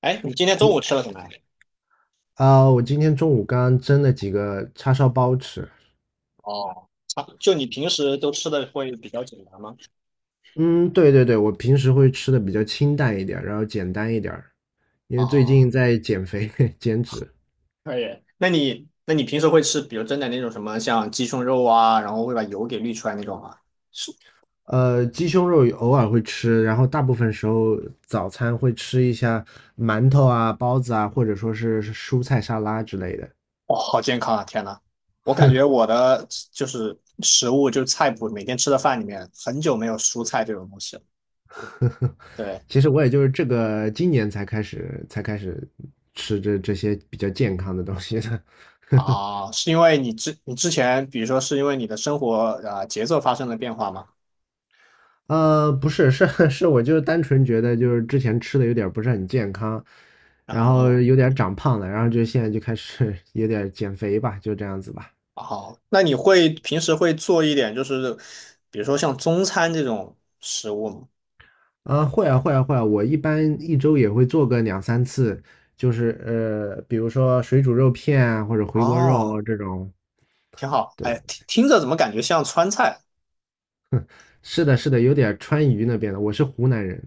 哎，你今天中午吃了什么？啊，我今天中午刚蒸了几个叉烧包吃。哦。啊，就你平时都吃的会比较简单吗？嗯，对对对，我平时会吃的比较清淡一点儿，然后简单一点儿，因为最近哦，在减肥 减脂。可以。那你平时会吃，比如蒸的那种什么，像鸡胸肉啊，然后会把油给滤出来那种吗？是。鸡胸肉偶尔会吃，然后大部分时候早餐会吃一下馒头啊、包子啊，或者说是蔬菜沙拉之类的。哦，好健康啊！天呐，我感觉我的就是食物，就是菜谱，每天吃的饭里面很久没有蔬菜这种东西了。对。其实我也就是这个今年才开始吃这些比较健康的东西的。啊，是因为你之前，比如说是因为你的生活啊节奏发生了变化吗？不是, 是，我就单纯觉得就是之前吃的有点不是很健康，然后后。有点长胖了，然后就现在就开始 有点减肥吧，就这样子吧。好，那你平时会做一点，就是比如说像中餐这种食物吗？啊，会啊会啊会啊，我一般一周也会做个两三次，就是比如说水煮肉片啊，或者回锅肉哦，啊这种。挺好。对，哎，听着怎么感觉像川菜？是的，是的，有点川渝那边的。我是湖南人，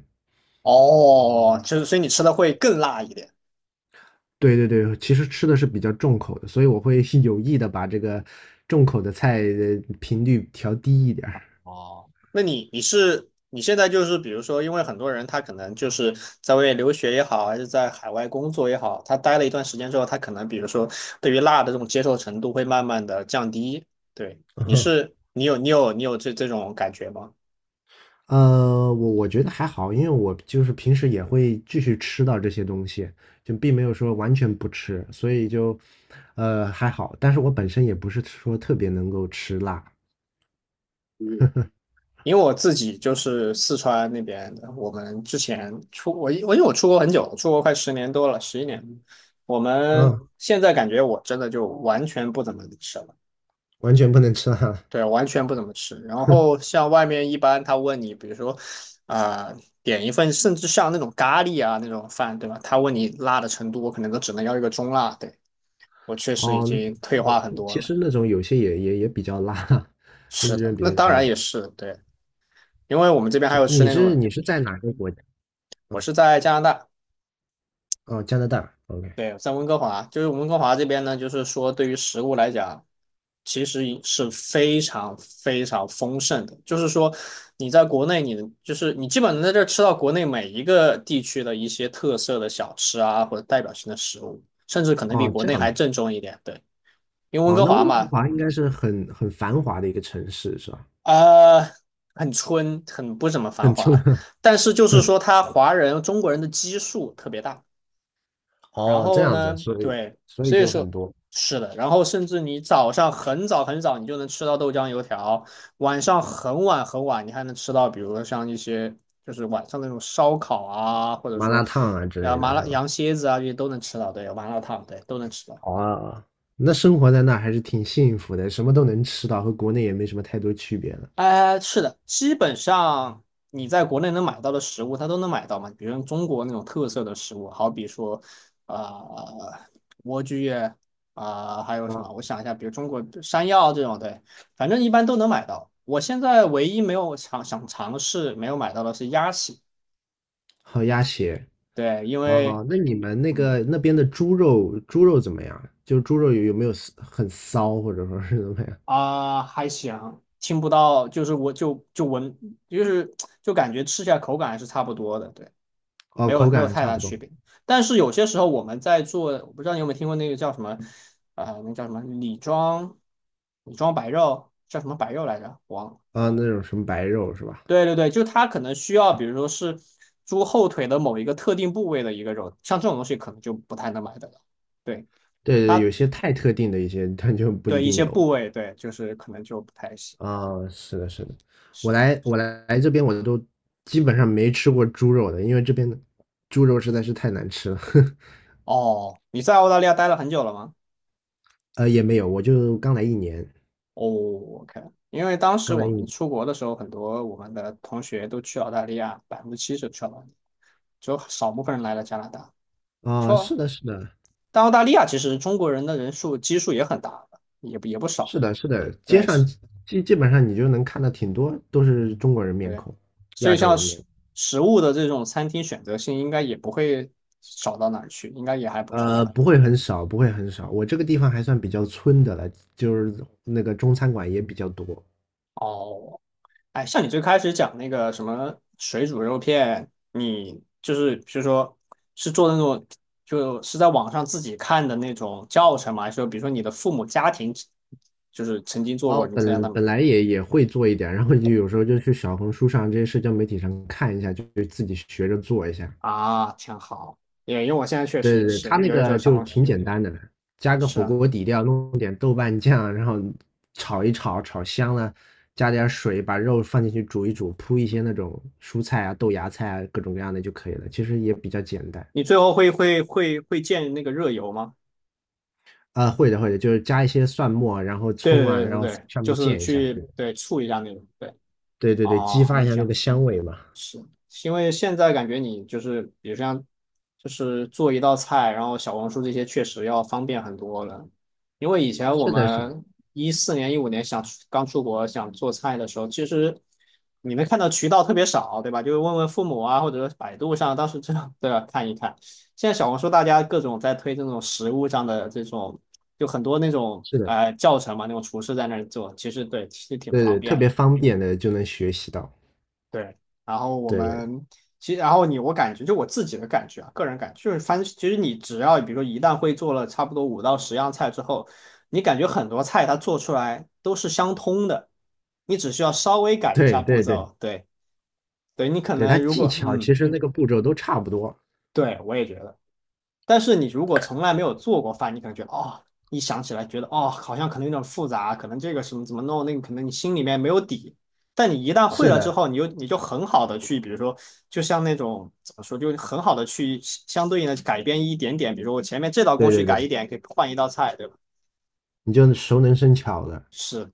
哦，就是所以你吃的会更辣一点。对对对，其实吃的是比较重口的，所以我会 有意的把这个重口的菜的频率调低一点儿。哦，那你现在就是比如说，因为很多人他可能就是在外面留学也好，还是在海外工作也好，他待了一段时间之后，他可能比如说对于辣的这种接受程度会慢慢的降低。对，你 是你有你有你有这这种感觉吗？我觉得还好，因为我就是平时也会继续吃到这些东西，就并没有说完全不吃，所以就，还好。但是我本身也不是说特别能够吃辣，因为我自己就是四川那边的，我们之前出我我因为我出国很久，出国快10年多了，11年。我们嗯，现在感觉我真的就完全不怎么吃了，完全不能吃辣。对，完全不怎么吃。然后像外面一般他问你，比如说啊、呃点一份，甚至像那种咖喱啊那种饭，对吧？他问你辣的程度，我可能都只能要一个中辣。对，我确实已哦，经退那种化很多其了。实那种有些也比较辣，那是的，种比那当较然辣。也是对，因为我们这边还是有吃你那是种，你是在哪个国家？我嗯，是在加拿大，哦，加拿大。OK。对，在温哥华，就是温哥华这边呢，就是说对于食物来讲，其实是非常非常丰盛的。就是说，你在国内你，就是你基本能在这儿吃到国内每一个地区的一些特色的小吃啊，或者代表性的食物，甚至可能比哦，国这内样还子。正宗一点。对，因为温哦，哥那华温哥嘛，华应该是很繁华的一个城市，是吧？呃，很村，很不怎么 繁很出，华，但是就是 说他华人中国人的基数特别大。然哦，这后样子，呢，所以对，所以所以就很说多是的，然后甚至你早上很早很早，你就能吃到豆浆油条，晚上很晚很晚，你还能吃到，比如说像一些就是晚上那种烧烤啊，或者麻辣说烫啊之啊类麻的辣是吧？羊蝎子啊，这些都能吃到，对，麻辣烫，对，都能吃到。好啊，那生活在那还是挺幸福的，什么都能吃到，和国内也没什么太多区别了。哎，是的，基本上你在国内能买到的食物，它都能买到嘛。比如中国那种特色的食物，好比说，呃，莴苣啊、还有什啊，么？我想一下，比如中国山药这种，对，反正一般都能买到。我现在唯一没有尝想尝试没有买到的是鸭血，好鸭血对，因为哦，那你们那嗯个那边的猪肉，猪肉怎么样？就是猪肉有没有骚很骚，或者说是怎么样？还行，听不到，就是我就闻，就是感觉吃起来口感还是差不多的，对。哦，没口有没有感还太差大不多区别。但是有些时候我们在做，我不知道你有没有听过那个叫什么，那叫什么李庄，李庄白肉叫什么白肉来着？忘了。啊，那种什么白肉是吧？对对对，就它可能需要，比如说是猪后腿的某一个特定部位的一个肉，像这种东西可能就不太能买得到。对对对，它，有些太特定的一些，它就不一对一定些有。部位，对就是可能就不太行。啊，是的，是的，我是。来我来来这边我都基本上没吃过猪肉的，因为这边的猪肉实在是太难吃了。哦，你在澳大利亚待了很久了吗？也没有，我就刚来一年，哦，OK,因为当时刚我来一们年。出国的时候，很多我们的同学都去澳大利亚，70%去澳大利亚，只有少部分人来了加拿大。啊，是说，的，是的，但澳大利亚其实中国人的人数基数也很大的也不少。是的，是的，街对，上是基本上你就能看到挺多都是中国人面对，孔，所亚以洲像人面孔。食物的这种餐厅选择性，应该也不会少到哪儿去，应该也还不错吧。不会很少，不会很少。我这个地方还算比较村的了，就是那个中餐馆也比较多。哦，哎，像你最开始讲那个什么水煮肉片，你就是比如说是做的那种，就是在网上自己看的那种教程吗？还是说比如说你的父母家庭就是曾经做然过，后你再让本他本们来也会做一点，然后就有时候就去小红书上这些社交媒体上看一下，就自己学着做一下。啊，挺好。也因为我现在确实对也对对，他是，那有的时候个小就红书挺简单的，加个是火啊，锅底料，弄点豆瓣酱，然后炒一炒，炒香了，加点水，把肉放进去煮一煮，铺一些那种蔬菜啊、豆芽菜啊各种各样的就可以了。其实也比较简单。你最后会建那个热油吗？啊，会的会的，就是加一些蒜末，然后对葱对啊，对对然后对，上就面是溅一下，对去对醋一下那种。对，对对对，激哦，发那一下挺那个香味嘛。是，因为现在感觉你就是，比如像，就是做一道菜，然后小红书这些确实要方便很多了。因为以前我是的，是的们14年、15年想出刚出国想做菜的时候，其实你能看到渠道特别少，对吧？就是问问父母啊，或者说百度上，当时这样都要看一看。现在小红书大家各种在推这种食物上的这种，就很多那种是的。教程嘛，那种厨师在那儿做，其实对，其实挺对方对，特便别的。方便的就能学习到。对，然后我对们其实，然后你我感觉就我自己的感觉啊，个人感觉就是翻，其实你只要比如说一旦会做了差不多5到10样菜之后，你感觉很多菜它做出来都是相通的，你只需要稍微改一下对步对对对，骤，对，对你可对，它能如技果巧嗯，其实那个步骤都差不多。对我也觉得。但是你如果从来没有做过饭，你可能觉得哦，一想起来觉得哦，好像可能有点复杂，可能这个什么怎么弄，那个可能你心里面没有底。但你一旦会是了之的，后，你就很好的去，比如说，就像那种怎么说，就很好的去相对应的改变一点点，比如说我前面这道工对序对对，改一点，可以换一道菜，对吧？你就熟能生巧的。是，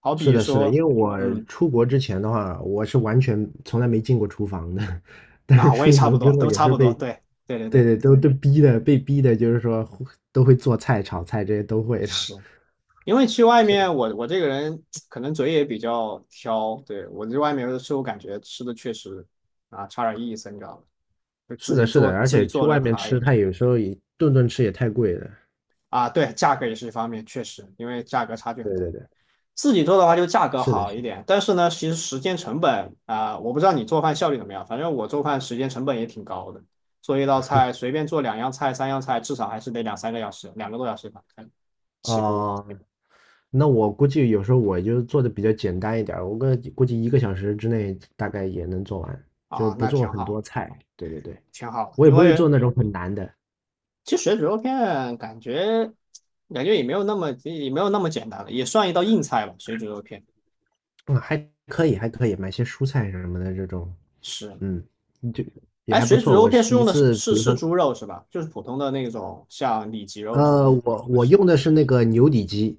好是比的，是的，说，因为我嗯，出国之前的话，我是完全从来没进过厨房的，但是那、我也出差国不之多，后都也差是不多，被，对，对对对对，对，都逼的，被逼的，就是说都会做菜、炒菜这些都会的。是。因为去外面，我这个人可能嘴也比较挑，对，我在外面有的时候感觉吃的确实啊差点意思，你知道吗？就自是的，己是做的，而自己且去做的外面好一吃，点它有时候也顿顿吃也太贵了。啊，对，价格也是一方面，确实，因为价格差距很对大。对对，自己做的话就价格是的，好是一的。点，但是呢，其实时间成本啊，我不知道你做饭效率怎么样，反正我做饭时间成本也挺高的，做一道菜随便做2样菜、3样菜，至少还是得2、3个小时，2个多小时吧，看起步哦、那我估计有时候我就做的比较简单一点儿，我个估计一个小时之内大概也能做完，就是啊，不那做挺很多好，菜。对对对，挺好，我也因不会为做那种很难的，其实水煮肉片感觉也没有那么简单了，也算一道硬菜吧。水煮肉片嗯，还可以，还可以，买些蔬菜什么的这种，是，嗯，就也哎，还不水煮错。肉我片是是一用的次，比如是说，猪肉是吧？就是普通的那种像里脊肉是呃，吗？我我是，用的是那个牛里脊，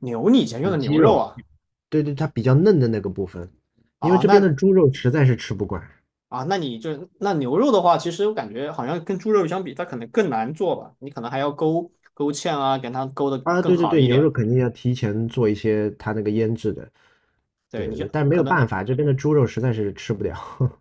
牛，你以前用里的脊牛肉肉，啊？对对，它比较嫩的那个部分，因为啊，这边那的猪肉实在是吃不惯啊，那你就那牛肉的话，其实我感觉好像跟猪肉相比，它可能更难做吧。你可能还要勾勾芡啊，给它勾的啊。更对对好对，一牛肉点。肯定要提前做一些它那个腌制的。对，你对就对，但没可有能办法，这边的猪肉实在是吃不了。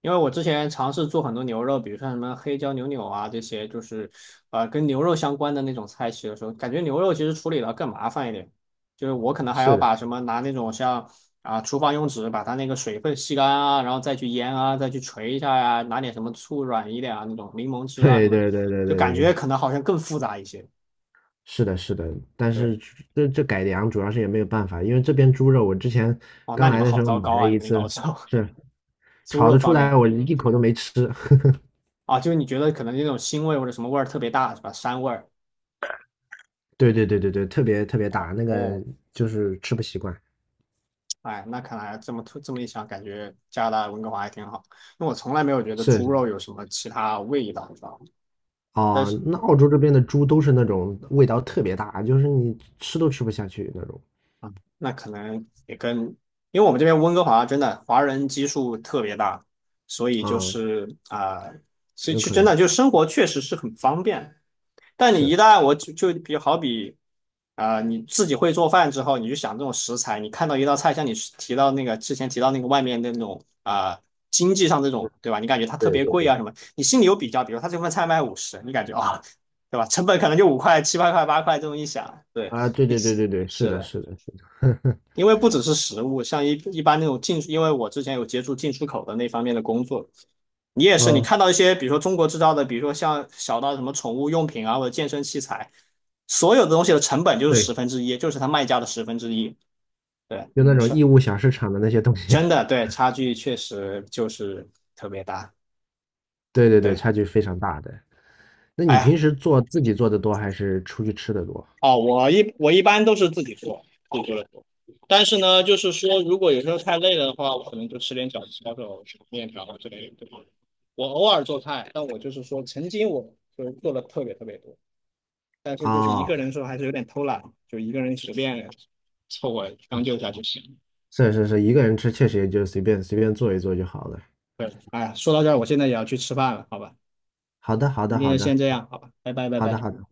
因为我之前尝试做很多牛肉，比如像什么黑椒牛柳啊这些，就是跟牛肉相关的那种菜系的时候，感觉牛肉其实处理的更麻烦一点，就是我可能还要是的，把什么拿那种像厨房用纸把它那个水分吸干啊，然后再去腌啊，再去捶一下呀、拿点什么醋软一点啊，那种柠檬汁啊什对么，对对对就对感对对，觉可能好像更复杂一些。是的，是的，但对，是这这改良主要是也没有办法，因为这边猪肉我之前哦，刚那你来们的好时候糟买糕了啊，你一们那个次，熬烧 是 猪炒肉得出方来，面我一口都没吃。啊，就是你觉得可能那种腥味或者什么味儿特别大是吧？膻味儿。对对对对对，特别特别大，那个哦，就是吃不习惯。哎，那看来这么一想，感觉加拿大温哥华还挺好，因为我从来没有觉得是猪是肉有什么其他味道，你知道吗？但哦，是。那澳洲这边的猪都是那种味道特别大，就是你吃都吃不下去那种。啊，那可能也跟，因为我们这边温哥华真的华人基数特别大，所以就啊、是所以有去可真能的就生活确实是很方便。但你一是，旦我就就比好比啊、你自己会做饭之后，你就想这种食材，你看到一道菜，像你提到那个之前提到那个外面的那种啊、经济上这种对吧？你感觉它特对别对贵对。啊什么，你心里有比较，比如他这份菜卖50，你感觉啊、对吧？成本可能就5块、7、8块、八块这么一想，对，啊，对 对对对对，是是的，的。是的，是的 因为不只是食物，像一般那种进，因为我之前有接触进出口的那方面的工作，你也 是，你嗯，看到一些，比如说中国制造的，比如说像小到什么宠物用品啊，或者健身器材，所有的东西的成本就是对，十分之一，就是它卖家的十分之一。对，就那种成，义乌小市场的那些东西，真的，对，差距确实就是特别大。对对对，对，差距非常大的。那哎你平呀。时做自己做的多，还是出去吃的多？哦，我一般都是自己做，自己做的多。但是呢，就是说，如果有时候太累了的话，我可能就吃点饺子、抄手、面条之类的，对吧？我偶尔做菜，但我就是说，曾经我就是做的特别特别多，但是就是一啊，个人的时候还是有点偷懒，就一个人随便凑合将就一下就行。是是是，一个人吃确实也就随便随便做一做就好了。对，哎呀，说到这儿，我现在也要去吃饭了，好吧？好的，好今的，天好就先的，这样，好吧？拜拜，拜好的，拜。好的。